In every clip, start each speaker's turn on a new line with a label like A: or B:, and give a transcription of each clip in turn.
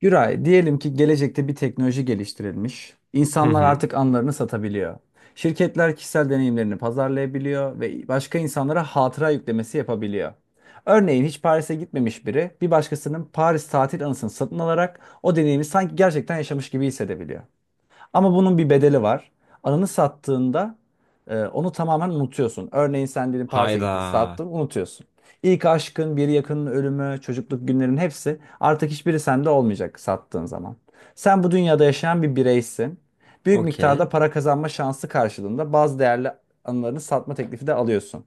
A: Güray, diyelim ki gelecekte bir teknoloji geliştirilmiş.
B: Hı
A: İnsanlar
B: hı.
A: artık anlarını satabiliyor. Şirketler kişisel deneyimlerini pazarlayabiliyor ve başka insanlara hatıra yüklemesi yapabiliyor. Örneğin hiç Paris'e gitmemiş biri bir başkasının Paris tatil anısını satın alarak o deneyimi sanki gerçekten yaşamış gibi hissedebiliyor. Ama bunun bir bedeli var. Anını sattığında onu tamamen unutuyorsun. Örneğin sen dedin Paris'e
B: Hayda.
A: gittin, sattın, unutuyorsun. İlk aşkın, bir yakının ölümü, çocukluk günlerin hepsi artık hiçbiri sende olmayacak sattığın zaman. Sen bu dünyada yaşayan bir bireysin. Büyük miktarda
B: Okey.
A: para kazanma şansı karşılığında bazı değerli anılarını satma teklifi de alıyorsun.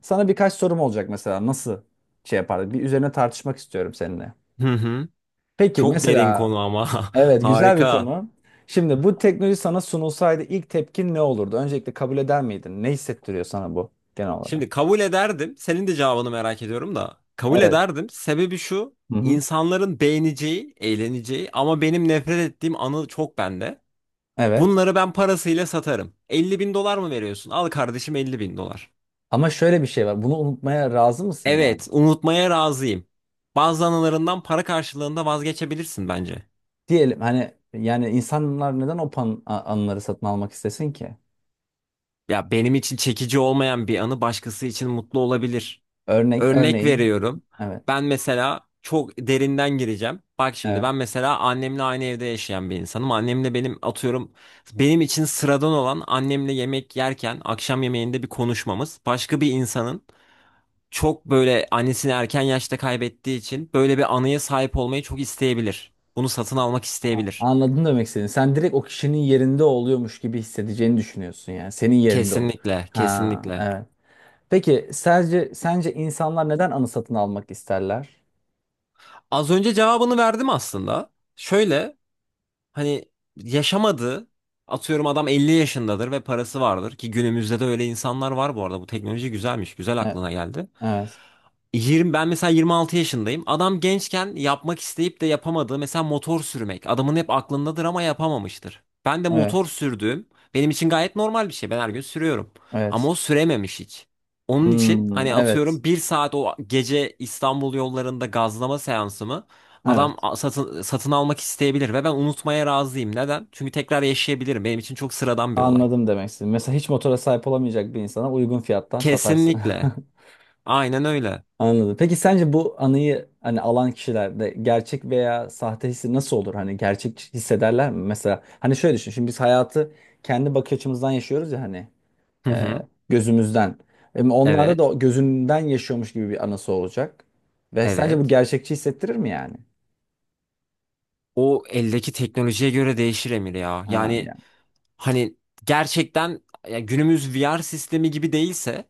A: Sana birkaç sorum olacak, mesela nasıl şey yapardın? Bir üzerine tartışmak istiyorum seninle.
B: Hı hı.
A: Peki
B: Çok derin
A: mesela.
B: konu ama.
A: Evet, güzel bir
B: Harika.
A: konu. Şimdi bu teknoloji sana sunulsaydı ilk tepkin ne olurdu? Öncelikle kabul eder miydin? Ne hissettiriyor sana bu genel olarak?
B: Şimdi kabul ederdim. Senin de cevabını merak ediyorum da. Kabul
A: Evet.
B: ederdim. Sebebi şu.
A: Hı hı.
B: İnsanların beğeneceği, eğleneceği ama benim nefret ettiğim anı çok bende.
A: Evet.
B: Bunları ben parasıyla satarım. 50 bin dolar mı veriyorsun? Al kardeşim 50 bin dolar.
A: Ama şöyle bir şey var. Bunu unutmaya razı mısın yani?
B: Evet, unutmaya razıyım. Bazı anılarından para karşılığında vazgeçebilirsin bence.
A: Diyelim hani yani insanlar neden o anıları satın almak istesin ki?
B: Ya benim için çekici olmayan bir anı başkası için mutlu olabilir.
A: Örnek
B: Örnek
A: örneğin
B: veriyorum.
A: evet.
B: Ben mesela çok derinden gireceğim. Bak şimdi
A: Evet.
B: ben mesela annemle aynı evde yaşayan bir insanım. Annemle benim atıyorum benim için sıradan olan annemle yemek yerken akşam yemeğinde bir konuşmamız başka bir insanın çok böyle annesini erken yaşta kaybettiği için böyle bir anıya sahip olmayı çok isteyebilir. Bunu satın almak isteyebilir.
A: Anladım demek istediğini. Sen direkt o kişinin yerinde oluyormuş gibi hissedeceğini düşünüyorsun yani. Senin yerinde ol.
B: Kesinlikle,
A: Ha,
B: kesinlikle.
A: evet. Peki sence insanlar neden anı satın almak isterler?
B: Az önce cevabını verdim aslında. Şöyle hani yaşamadı. Atıyorum adam 50 yaşındadır ve parası vardır ki günümüzde de öyle insanlar var bu arada. Bu teknoloji güzelmiş. Güzel
A: E-
B: aklına geldi.
A: Evet,
B: 20, ben mesela 26 yaşındayım. Adam gençken yapmak isteyip de yapamadığı mesela motor sürmek. Adamın hep aklındadır ama yapamamıştır. Ben de
A: evet,
B: motor sürdüğüm benim için gayet normal bir şey. Ben her gün sürüyorum. Ama
A: evet.
B: o sürememiş hiç. Onun için
A: Hmm,
B: hani
A: evet,
B: atıyorum bir saat o gece İstanbul yollarında gazlama seansımı
A: evet.
B: satın, satın almak isteyebilir ve ben unutmaya razıyım. Neden? Çünkü tekrar yaşayabilirim. Benim için çok sıradan bir olay.
A: Anladım demek istedim. Mesela hiç motora sahip olamayacak bir insana uygun fiyattan satarsın.
B: Kesinlikle. Aynen öyle.
A: Anladım. Peki sence bu anıyı hani alan kişilerde gerçek veya sahte hissi nasıl olur? Hani gerçek hissederler mi? Mesela hani şöyle düşün. Şimdi biz hayatı kendi bakış açımızdan yaşıyoruz ya hani.
B: Hı
A: E,
B: hı.
A: gözümüzden. Hem onlarda
B: Evet.
A: da gözünden yaşıyormuş gibi bir anısı olacak. Ve sence bu
B: Evet.
A: gerçekçi hissettirir mi yani?
B: O eldeki teknolojiye göre değişir Emir ya.
A: Ha
B: Yani
A: yani.
B: hani gerçekten ya günümüz VR sistemi gibi değilse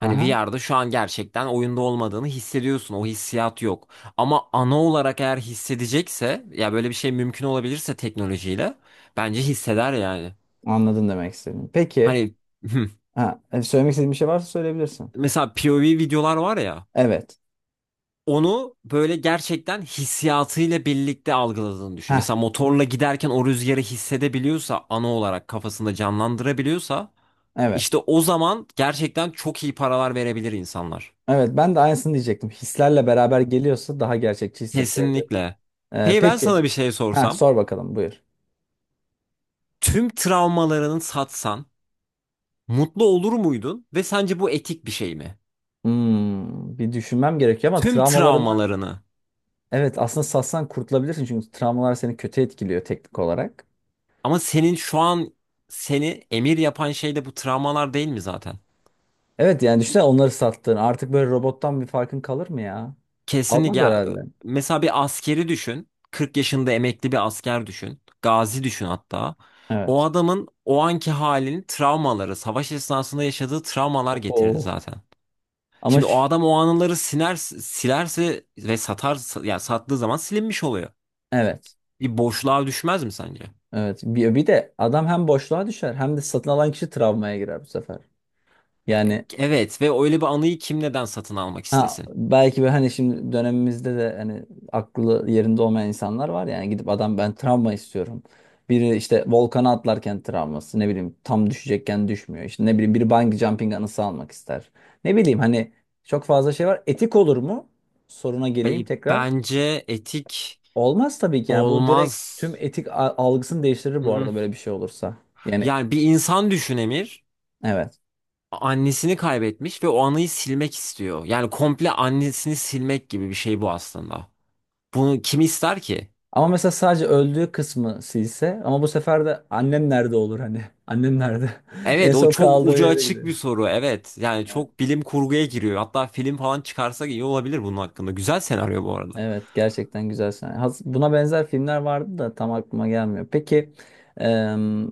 B: hani
A: Aha,
B: VR'da şu an gerçekten oyunda olmadığını hissediyorsun. O hissiyat yok. Ama ana olarak eğer hissedecekse ya böyle bir şey mümkün olabilirse teknolojiyle bence hisseder yani.
A: anladın demek istedim. Peki,
B: Hani
A: ha, söylemek istediğin bir şey varsa söyleyebilirsin.
B: mesela POV videolar var ya
A: Evet.
B: onu böyle gerçekten hissiyatıyla birlikte algıladığını düşün.
A: Ha,
B: Mesela motorla giderken o rüzgarı hissedebiliyorsa, ana olarak kafasında canlandırabiliyorsa, işte
A: evet.
B: o zaman gerçekten çok iyi paralar verebilir insanlar.
A: Evet, ben de aynısını diyecektim. Hislerle beraber geliyorsa daha gerçekçi hissettirebilir.
B: Kesinlikle.
A: E,
B: Peki ben
A: peki,
B: sana bir şey
A: ha
B: sorsam,
A: sor bakalım, buyur.
B: tüm travmalarını satsan mutlu olur muydun ve sence bu etik bir şey mi?
A: Hmm, bir düşünmem gerekiyor ama
B: Tüm
A: travmalarımı,
B: travmalarını.
A: evet, aslında satsan kurtulabilirsin çünkü travmalar seni kötü etkiliyor teknik olarak.
B: Ama senin şu an seni emir yapan şey de bu travmalar değil mi zaten?
A: Evet yani düşünsene, onları sattın. Artık böyle robottan bir farkın kalır mı ya? Kalmaz
B: Kesinlikle ya,
A: herhalde.
B: mesela bir askeri düşün. 40 yaşında emekli bir asker düşün. Gazi düşün hatta. O
A: Evet.
B: adamın o anki halinin travmaları, savaş esnasında yaşadığı travmalar getirdi
A: Oho.
B: zaten.
A: Ama
B: Şimdi o adam o anıları siner, silerse ve satar ya sattığı zaman silinmiş oluyor.
A: evet.
B: Bir boşluğa düşmez mi sence?
A: Evet. Bir de adam hem boşluğa düşer hem de satın alan kişi travmaya girer bu sefer. Yani.
B: Evet ve öyle bir anıyı kim neden satın almak
A: Ha,
B: istesin?
A: belki böyle hani şimdi dönemimizde de hani aklı yerinde olmayan insanlar var yani, gidip adam ben travma istiyorum. Biri işte volkana atlarken travması, ne bileyim tam düşecekken düşmüyor. İşte ne bileyim, biri bungee jumping anısı almak ister. Ne bileyim hani çok fazla şey var. Etik olur mu? Soruna geleyim tekrar.
B: Bence etik
A: Olmaz tabii ki yani, bu direkt
B: olmaz.
A: tüm etik algısını değiştirir bu
B: Mm-mm.
A: arada böyle bir şey olursa. Yani
B: Yani bir insan düşün Emir.
A: evet.
B: Annesini kaybetmiş ve o anıyı silmek istiyor. Yani komple annesini silmek gibi bir şey bu aslında. Bunu kim ister ki?
A: Ama mesela sadece öldüğü kısmı silse ama bu sefer de annem nerede olur hani? Annem nerede? En
B: Evet, o
A: son
B: çok
A: kaldığı
B: ucu
A: yere
B: açık
A: gidiyor.
B: bir soru. Evet, yani
A: Evet.
B: çok bilim kurguya giriyor. Hatta film falan çıkarsak iyi olabilir bunun hakkında. Güzel senaryo bu arada.
A: Evet, gerçekten güzel sahne. Has- Buna benzer filmler vardı da tam aklıma gelmiyor. Peki em,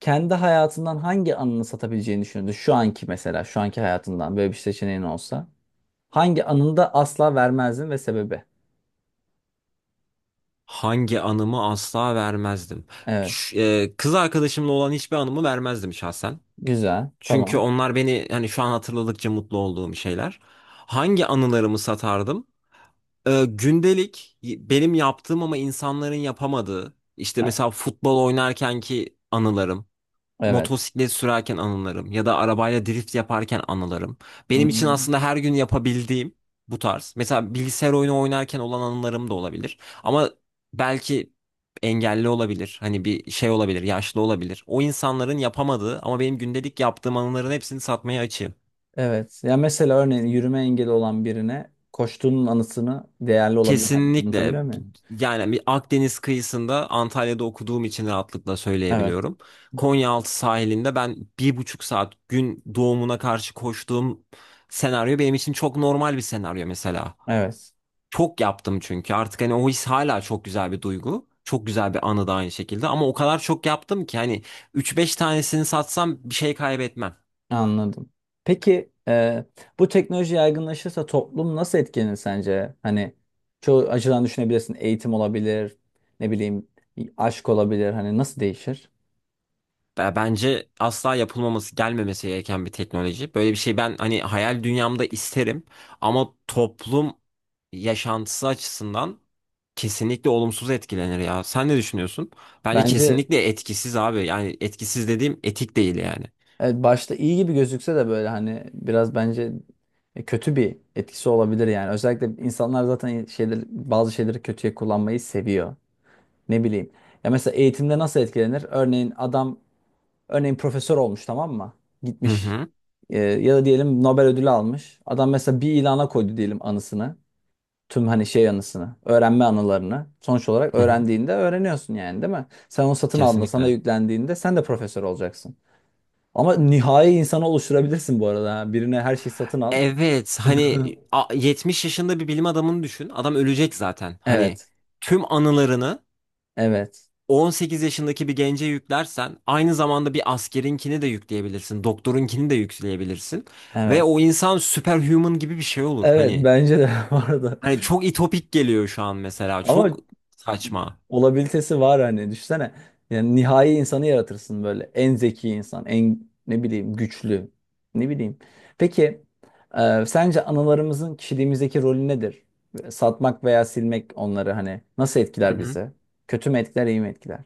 A: kendi hayatından hangi anını satabileceğini düşündü? Şu anki mesela, şu anki hayatından böyle bir seçeneğin olsa. Hangi anını da asla vermezdin ve sebebi?
B: Hangi anımı asla vermezdim?
A: Evet.
B: Kız arkadaşımla olan hiçbir anımı vermezdim şahsen.
A: Güzel.
B: Çünkü
A: Tamam.
B: onlar beni hani şu an hatırladıkça mutlu olduğum şeyler. Hangi anılarımı satardım? Gündelik benim yaptığım ama insanların yapamadığı işte
A: Evet.
B: mesela futbol oynarken ki anılarım,
A: Evet.
B: motosiklet sürerken anılarım ya da arabayla drift yaparken anılarım.
A: Hı.
B: Benim için aslında her gün yapabildiğim bu tarz. Mesela bilgisayar oyunu oynarken olan anılarım da olabilir. Ama belki engelli olabilir. Hani bir şey olabilir, yaşlı olabilir. O insanların yapamadığı ama benim gündelik yaptığım anıların hepsini satmaya açığım.
A: Evet. Ya mesela örneğin yürüme engeli olan birine koştuğunun anısını değerli olabilir. Hani
B: Kesinlikle,
A: anlatabiliyor muyum?
B: yani bir Akdeniz kıyısında Antalya'da okuduğum için rahatlıkla
A: Evet.
B: söyleyebiliyorum. Konyaaltı sahilinde ben bir buçuk saat gün doğumuna karşı koştuğum senaryo benim için çok normal bir senaryo mesela.
A: Evet.
B: Çok yaptım çünkü artık hani o his hala çok güzel bir duygu. Çok güzel bir anı da aynı şekilde ama o kadar çok yaptım ki hani üç beş tanesini satsam bir şey kaybetmem.
A: Anladım. Peki bu teknoloji yaygınlaşırsa toplum nasıl etkilenir sence? Hani çoğu açıdan düşünebilirsin. Eğitim olabilir. Ne bileyim aşk olabilir. Hani nasıl değişir?
B: Bence asla yapılmaması, gelmemesi gereken bir teknoloji. Böyle bir şey ben hani hayal dünyamda isterim ama toplum yaşantısı açısından kesinlikle olumsuz etkilenir ya. Sen ne düşünüyorsun? Bence
A: Bence.
B: kesinlikle etkisiz abi. Yani etkisiz dediğim etik değil yani.
A: Evet, başta iyi gibi gözükse de böyle hani biraz bence kötü bir etkisi olabilir yani. Özellikle insanlar zaten bazı şeyleri kötüye kullanmayı seviyor. Ne bileyim. Ya mesela eğitimde nasıl etkilenir? Örneğin adam, örneğin profesör olmuş, tamam mı?
B: Hı
A: Gitmiş,
B: hı.
A: ya da diyelim Nobel ödülü almış. Adam mesela bir ilana koydu diyelim anısını. Tüm hani şey anısını, öğrenme anılarını. Sonuç olarak
B: Hı hı.
A: öğrendiğinde öğreniyorsun yani değil mi? Sen onu satın aldığında sana
B: Kesinlikle.
A: yüklendiğinde sen de profesör olacaksın. Ama nihai insanı oluşturabilirsin bu arada. Ha. Birine her şeyi satın al.
B: Evet hani 70 yaşında bir bilim adamını düşün. Adam ölecek zaten. Hani
A: Evet.
B: tüm anılarını
A: Evet.
B: 18 yaşındaki bir gence yüklersen aynı zamanda bir askerinkini de yükleyebilirsin. Doktorunkini de yükleyebilirsin. Ve
A: Evet.
B: o insan superhuman gibi bir şey olur.
A: Evet
B: Hani
A: bence de bu arada.
B: hani çok itopik geliyor şu an mesela.
A: Ama
B: Çok saçma.
A: olabilitesi var hani, düşünsene. Yani nihai insanı yaratırsın böyle. En zeki insan, en ne bileyim güçlü. Ne bileyim. Peki sence analarımızın kişiliğimizdeki rolü nedir? Satmak veya silmek onları hani nasıl etkiler bizi? Kötü mü etkiler, iyi mi etkiler?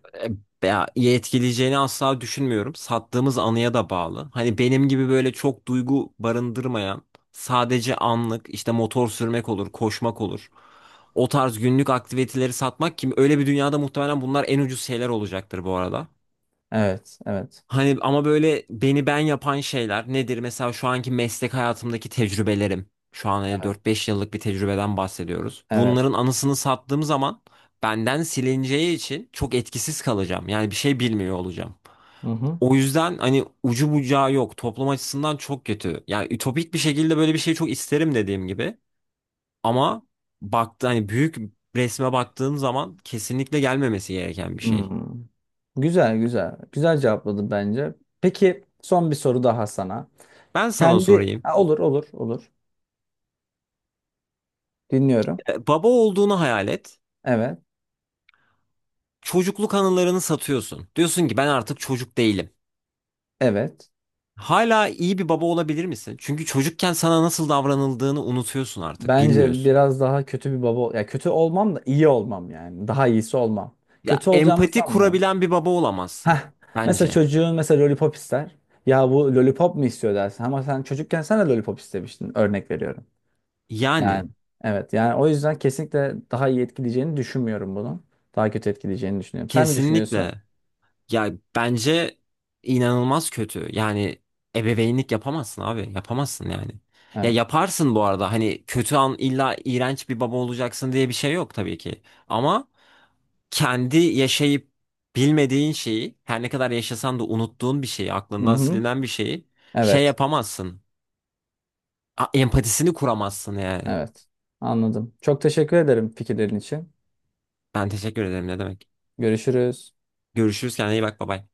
B: Ya, etkileyeceğini asla düşünmüyorum. Sattığımız anıya da bağlı. Hani benim gibi böyle çok duygu barındırmayan, sadece anlık işte motor sürmek olur, koşmak olur. O tarz günlük aktiviteleri satmak kim? Öyle bir dünyada muhtemelen bunlar en ucuz şeyler olacaktır bu arada.
A: Evet, evet,
B: Hani ama böyle beni ben yapan şeyler nedir? Mesela şu anki meslek hayatımdaki tecrübelerim. Şu an hani 4-5 yıllık bir tecrübeden bahsediyoruz.
A: evet.
B: Bunların anısını sattığım zaman benden silineceği için çok etkisiz kalacağım. Yani bir şey bilmiyor olacağım.
A: Hı hı.
B: O yüzden hani ucu bucağı yok. Toplum açısından çok kötü. Yani ütopik bir şekilde böyle bir şey çok isterim dediğim gibi. Ama baktı hani büyük resme baktığım zaman kesinlikle gelmemesi gereken bir şey.
A: Hmm. Güzel güzel. Güzel cevapladın bence. Peki son bir soru daha sana.
B: Ben sana
A: Kendi.
B: sorayım.
A: Ha, olur olur olur. Dinliyorum.
B: Baba olduğunu hayal et.
A: Evet.
B: Çocukluk anılarını satıyorsun. Diyorsun ki ben artık çocuk değilim.
A: Evet.
B: Hala iyi bir baba olabilir misin? Çünkü çocukken sana nasıl davranıldığını unutuyorsun artık,
A: Bence
B: bilmiyorsun.
A: biraz daha kötü bir baba, ya kötü olmam da iyi olmam yani. Daha iyisi olmam.
B: Ya
A: Kötü olacağımı
B: empati
A: sanmıyorum.
B: kurabilen bir baba olamazsın
A: Heh. Mesela
B: bence.
A: çocuğun mesela lollipop ister. Ya bu lollipop mu istiyor dersin ama sen çocukken sen de lollipop istemiştin, örnek veriyorum.
B: Yani
A: Yani, evet yani o yüzden kesinlikle daha iyi etkileyeceğini düşünmüyorum bunu. Daha kötü etkileyeceğini düşünüyorum. Sen ne düşünüyorsun?
B: kesinlikle, ya bence inanılmaz kötü. Yani ebeveynlik yapamazsın abi, yapamazsın yani. Ya
A: Evet.
B: yaparsın bu arada hani kötü an illa iğrenç bir baba olacaksın diye bir şey yok tabii ki. Ama kendi yaşayıp bilmediğin şeyi, her ne kadar yaşasan da unuttuğun bir şeyi,
A: Hı
B: aklından
A: hı.
B: silinen bir şeyi şey
A: Evet.
B: yapamazsın. Empatisini kuramazsın yani.
A: Evet. Anladım. Çok teşekkür ederim fikirlerin için.
B: Ben teşekkür ederim ne demek.
A: Görüşürüz.
B: Görüşürüz, kendine iyi bak, bay bay.